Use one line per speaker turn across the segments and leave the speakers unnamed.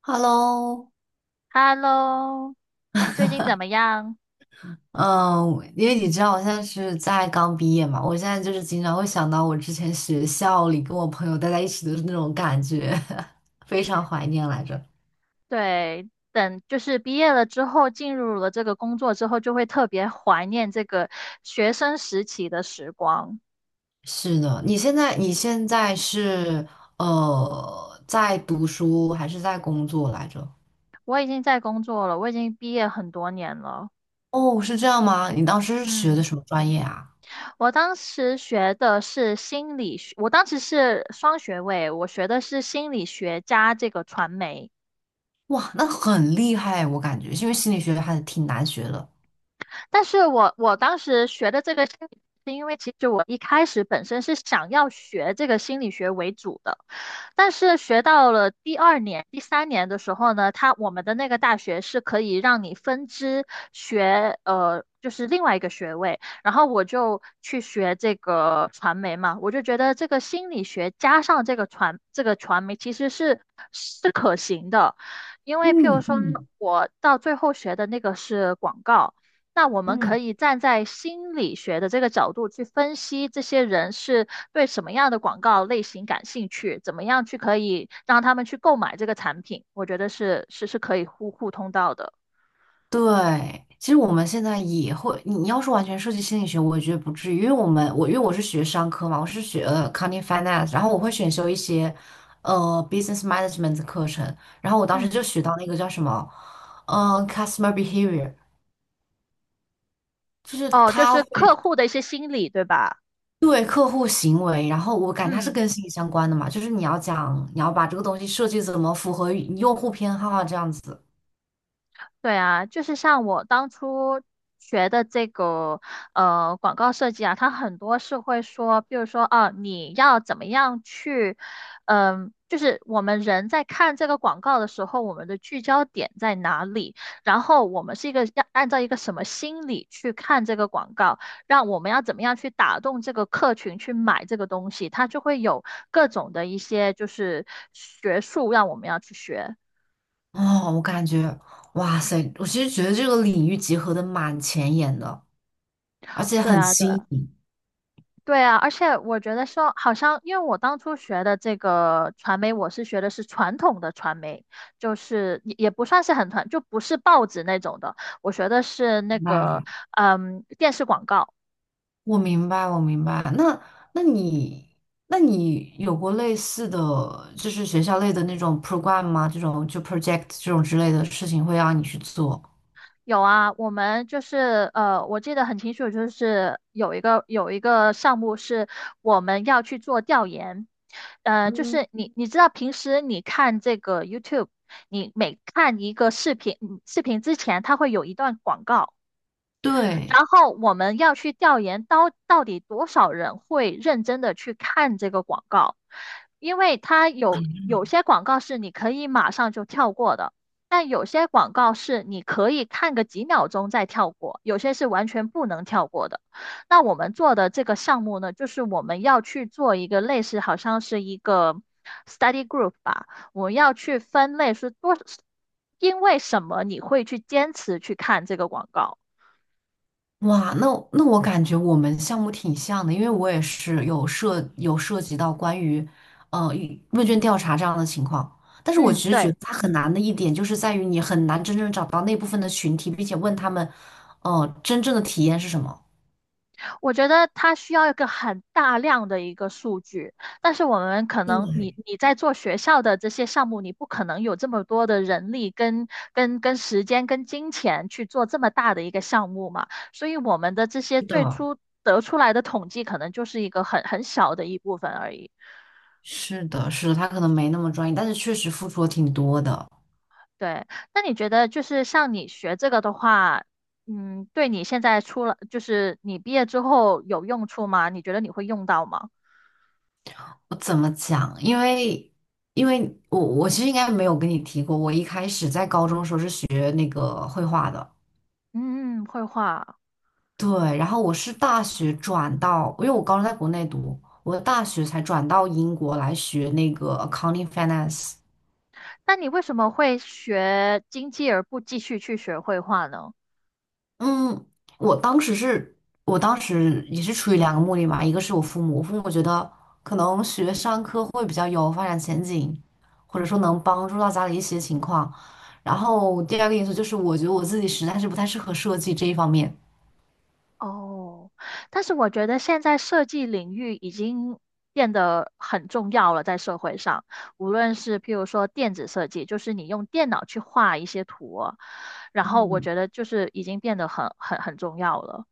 Hello。
Hello，你最近怎么样？
嗯，因为你知道我现在是在刚毕业嘛，我现在就是经常会想到我之前学校里跟我朋友待在一起的那种感觉，非常怀念来着。
对，等就是毕业了之后，进入了这个工作之后，就会特别怀念这个学生时期的时光。
是的，你现在是在读书还是在工作来着？
我已经在工作了，我已经毕业很多年了。
哦，是这样吗？你当时是学的
嗯，
什么专业啊？
我当时学的是心理学，我当时是双学位，我学的是心理学加这个传媒。
哇，那很厉害，我感觉，因为心理学还是挺难学的。
但是我当时学的这个心理学，是因为其实我一开始本身是想要学这个心理学为主的，但是学到了第二年、第三年的时候呢，我们的那个大学是可以让你分支学。就是另外一个学位，然后我就去学这个传媒嘛，我就觉得这个心理学加上这个传媒其实是是可行的，因为譬如
嗯
说
嗯
我到最后学的那个是广告，那我们可
嗯。
以站在心理学的这个角度去分析这些人是对什么样的广告类型感兴趣，怎么样去可以让他们去购买这个产品，我觉得是可以互通到的。
对，其实我们现在也会，你要是完全涉及心理学，我也觉得不至于，因为我是学商科嘛，我是学accounting finance,然后我会选修一些呃 business management 的课程，然后我当时
嗯，
就学到那个叫什么，customer behavior,就是
哦，就
他
是
会
客户的一些心理，对吧？
对客户行为，然后我感觉它是
嗯。
跟心理相关的嘛，就是你要把这个东西设计怎么符合用户偏好啊这样子。
对啊，就是像我当初学的这个广告设计啊，它很多是会说，比如说啊，你要怎么样去，就是我们人在看这个广告的时候，我们的聚焦点在哪里，然后我们是一个要按照一个什么心理去看这个广告，让我们要怎么样去打动这个客群去买这个东西，它就会有各种的一些就是学术让我们要去学。
哦，我感觉哇塞，我其实觉得这个领域结合的蛮前沿的。而且
对
很
啊，对
新
啊
颖。
对啊，而且我觉得说，好像因为我当初学的这个传媒，我是学的是传统的传媒，就是也不算是很传，就不是报纸那种的。我学的是那
明白，
个，电视广告。
我明白那那你那你有过类似的，就是学校类的那种 program 吗？这种就 project 这种之类的事情会让你去做？
有啊，我们就是我记得很清楚，就是有一个项目是我们要去做调研，就
嗯，
是你知道平时你看这个 YouTube,你每看一个视频，视频之前它会有一段广告。
对。
然后我们要去调研到底多少人会认真的去看这个广告，因为它有些广告是你可以马上就跳过的，但有些广告是你可以看个几秒钟再跳过，有些是完全不能跳过的。那我们做的这个项目呢，就是我们要去做一个类似，好像是一个 study group 吧，我们要去分类是多，因为什么你会去坚持去看这个广告。
哇，那我感觉我们项目挺像的，因为我也是有有涉及到关于问卷调查这样的情况，但是我
嗯，
其实觉
对。
得它很难的一点就是在于你很难真正找到那部分的群体，并且问他们，真正的体验是什么。
我觉得它需要一个很大量的一个数据，但是我们可能你
对，
你在做学校的这些项目，你不可能有这么多的人力跟时间跟金钱去做这么大的一个项目嘛，所以我们的这些
是
最
的，
初得出来的统计可能就是一个很小的一部分而已。
是的，他可能没那么专业，但是确实付出了挺多的。
对，那你觉得就是像你学这个的话，嗯，对你现在出了，就是你毕业之后有用处吗？你觉得你会用到吗？
我怎么讲？因为我其实应该没有跟你提过，我一开始在高中的时候是学那个绘画的，
嗯，绘画。
对，然后我是大学转到，因为我高中在国内读，我大学才转到英国来学那个 accounting finance。
那你为什么会学经济而不继续去学绘画呢？
嗯，我当时是，我当时也是出于两个目的嘛，一个是我父母觉得可能学商科会比较有发展前景，或者说能帮助到家里一些情况。然后第二个因素就是，我觉得我自己实在是不太适合设计这一方面。
哦，但是我觉得现在设计领域已经变得很重要了，在社会上，无论是譬如说电子设计，就是你用电脑去画一些图哦然后我
嗯，
觉得就是已经变得很重要了。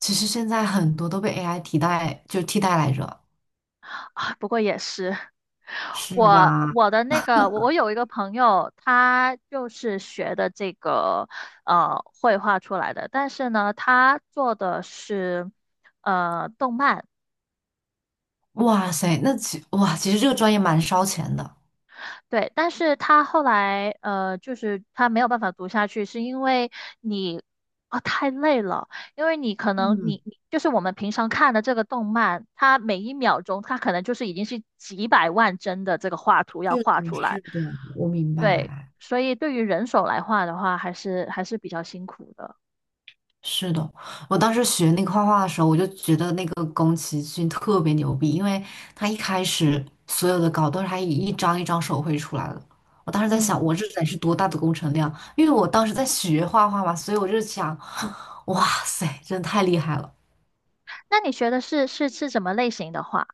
其实现在很多都被 AI 替代，就替代来着。
啊不过也是。
是
我
吧？
我的那个，我我有一个朋友，他就是学的这个绘画出来的，但是呢，他做的是动漫，
哇塞，那其哇，其实这个专业蛮烧钱的。
对，但是他后来就是他没有办法读下去，是因为你啊、太累了，因为你可能
嗯，
你就是我们平常看的这个动漫，它每一秒钟它可能就是已经是几百万帧的这个画图要
是
画
的，
出来，
我明
对，
白。
所以对于人手来画的话，还是比较辛苦的。
是的，我当时学那个画画的时候，我就觉得那个宫崎骏特别牛逼，因为他一开始所有的稿都是他一张一张手绘出来的。我当时在
嗯，
想，我这得是多大的工程量？因为我当时在学画画嘛，所以我就想，哇塞，真的太厉害了！
那你学的是什么类型的画？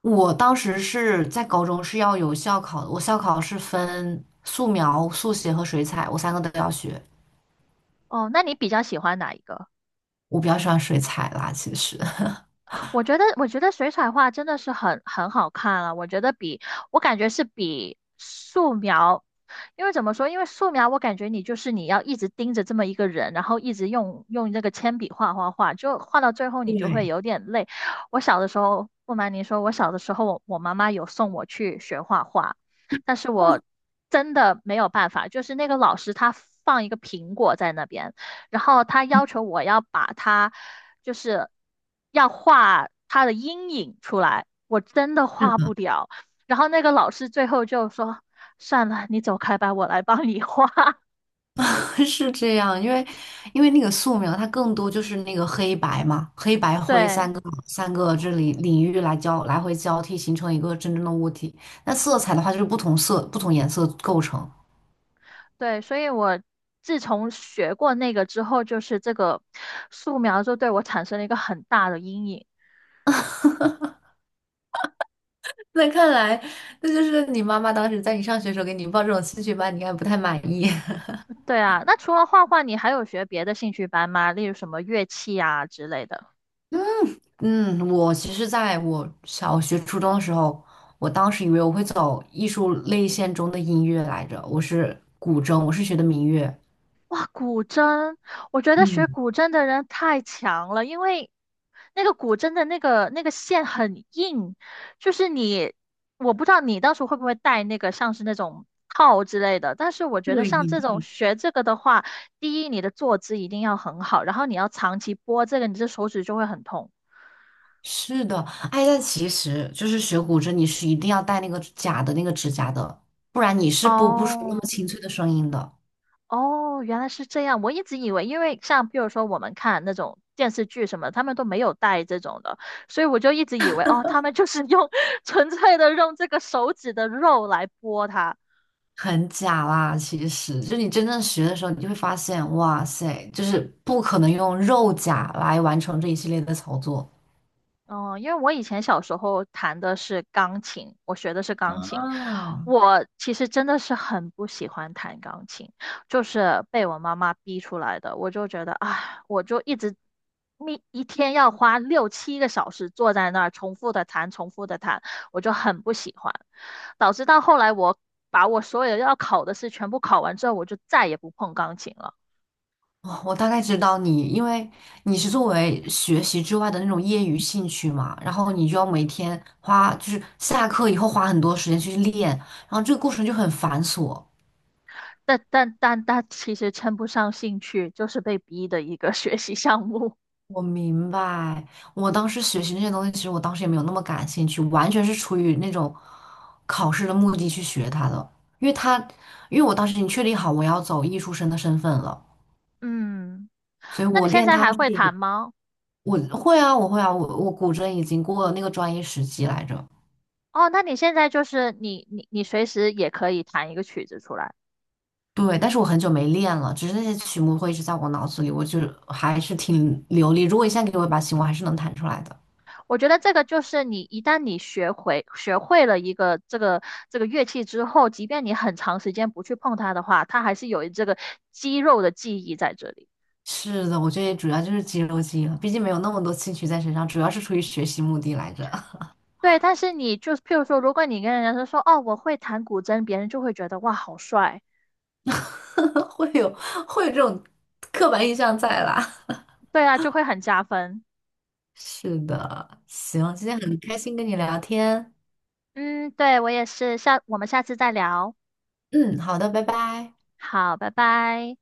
我当时是在高中是要有校考的，我校考是分素描、速写和水彩，我三个都要学。
哦，那你比较喜欢哪一个？
我比较喜欢水彩啦，其实。
我觉得水彩画真的是很好看了、我感觉是比素描，因为怎么说？因为素描我感觉你就是你要一直盯着这么一个人，然后一直用这个铅笔画画画，就画到最后你就会
对，
有点累。我小的时候，不瞒您说，我小的时候我妈妈有送我去学画画，但是我真的没有办法，就是那个老师他放一个苹果在那边。然后他
嗯。
要求我要把他，就是要画他的阴影出来，我真的画不了。然后那个老师最后就说："算了，你走开吧，我来帮你画。
是这样，因为那个素描，它更多就是那个黑白嘛，黑白灰
对
三个这里领域来交来回交替，形成一个真正的物体。那色彩的话，就是不同色不同颜色构成。
对，所以我自从学过那个之后，就是这个素描就对我产生了一个很大的阴影。
那看来，那就是你妈妈当时在你上学的时候给你报这种兴趣班，你应该不太满意。
对啊，那除了画画，你还有学别的兴趣班吗？例如什么乐器啊之类的？
嗯，我其实在我小学、初中的时候，我当时以为我会走艺术类线中的音乐来着，我是古筝，我是学的民乐。
古筝，我觉得学
嗯，
古筝的人太强了，因为那个古筝的那个线很硬，就是你，我不知道你到时候会不会带那个像是那种套之类的，但是我觉得
对，
像这种学这个的话，第一你的坐姿一定要很好，然后你要长期拨这个，你的手指就会很痛。
是的，哎，但其实就是学古筝，你是一定要戴那个假的那个指甲的，不然你是播不出那么
哦，
清脆的声音的，
哦，原来是这样。我一直以为，因为像比如说我们看那种电视剧什么，他们都没有带这种的，所以我就一直以为，哦，他们就是用 纯粹的用这个手指的肉来剥它。
很假啦。其实，就你真正学的时候，你就会发现，哇塞，就是不可能用肉甲来完成这一系列的操作。
嗯，因为我以前小时候弹的是钢琴，我学的是钢琴。
啊，
我其实真的是很不喜欢弹钢琴，就是被我妈妈逼出来的。我就觉得，啊，我就一直一天要花六七个小时坐在那儿重复的弹，重复的弹，我就很不喜欢。导致到后来，我把我所有要考的试全部考完之后，我就再也不碰钢琴了。
哦，我大概知道你，因为你是作为学习之外的那种业余兴趣嘛，然后你就要每天花，就是下课以后花很多时间去练，然后这个过程就很繁琐。
但其实称不上兴趣，就是被逼的一个 学习项目。
我明白，我当时学习那些东西，其实我当时也没有那么感兴趣，完全是出于那种考试的目的去学它的。因为它，因为我当时已经确定好我要走艺术生的身份了，
嗯，
所以
那
我
你现
练
在
它是
还会弹
以
吗？
我会啊，我古筝已经过了那个专业时级来着。
哦，那你现在就是你随时也可以弹一个曲子出来。
对，但是我很久没练了，只是那些曲目会一直在我脑子里，我就还是挺流利。如果一下给我一把琴，我还是能弹出来的。
我觉得这个就是你一旦你学会了一个这个乐器之后，即便你很长时间不去碰它的话，它还是有这个肌肉的记忆在这里。
是的，我觉得主要就是肌肉记忆了，毕竟没有那么多兴趣在身上，主要是出于学习目的来着，
对，但是你就是，譬如说，如果你跟人家说哦我会弹古筝，别人就会觉得哇好帅，
会有会有这种刻板印象在啦。
对啊，就会很加分。
是的，行，今天很开心跟你聊天，
嗯，对，我也是，我们下次再聊。
嗯，好的，拜拜。
好，拜拜。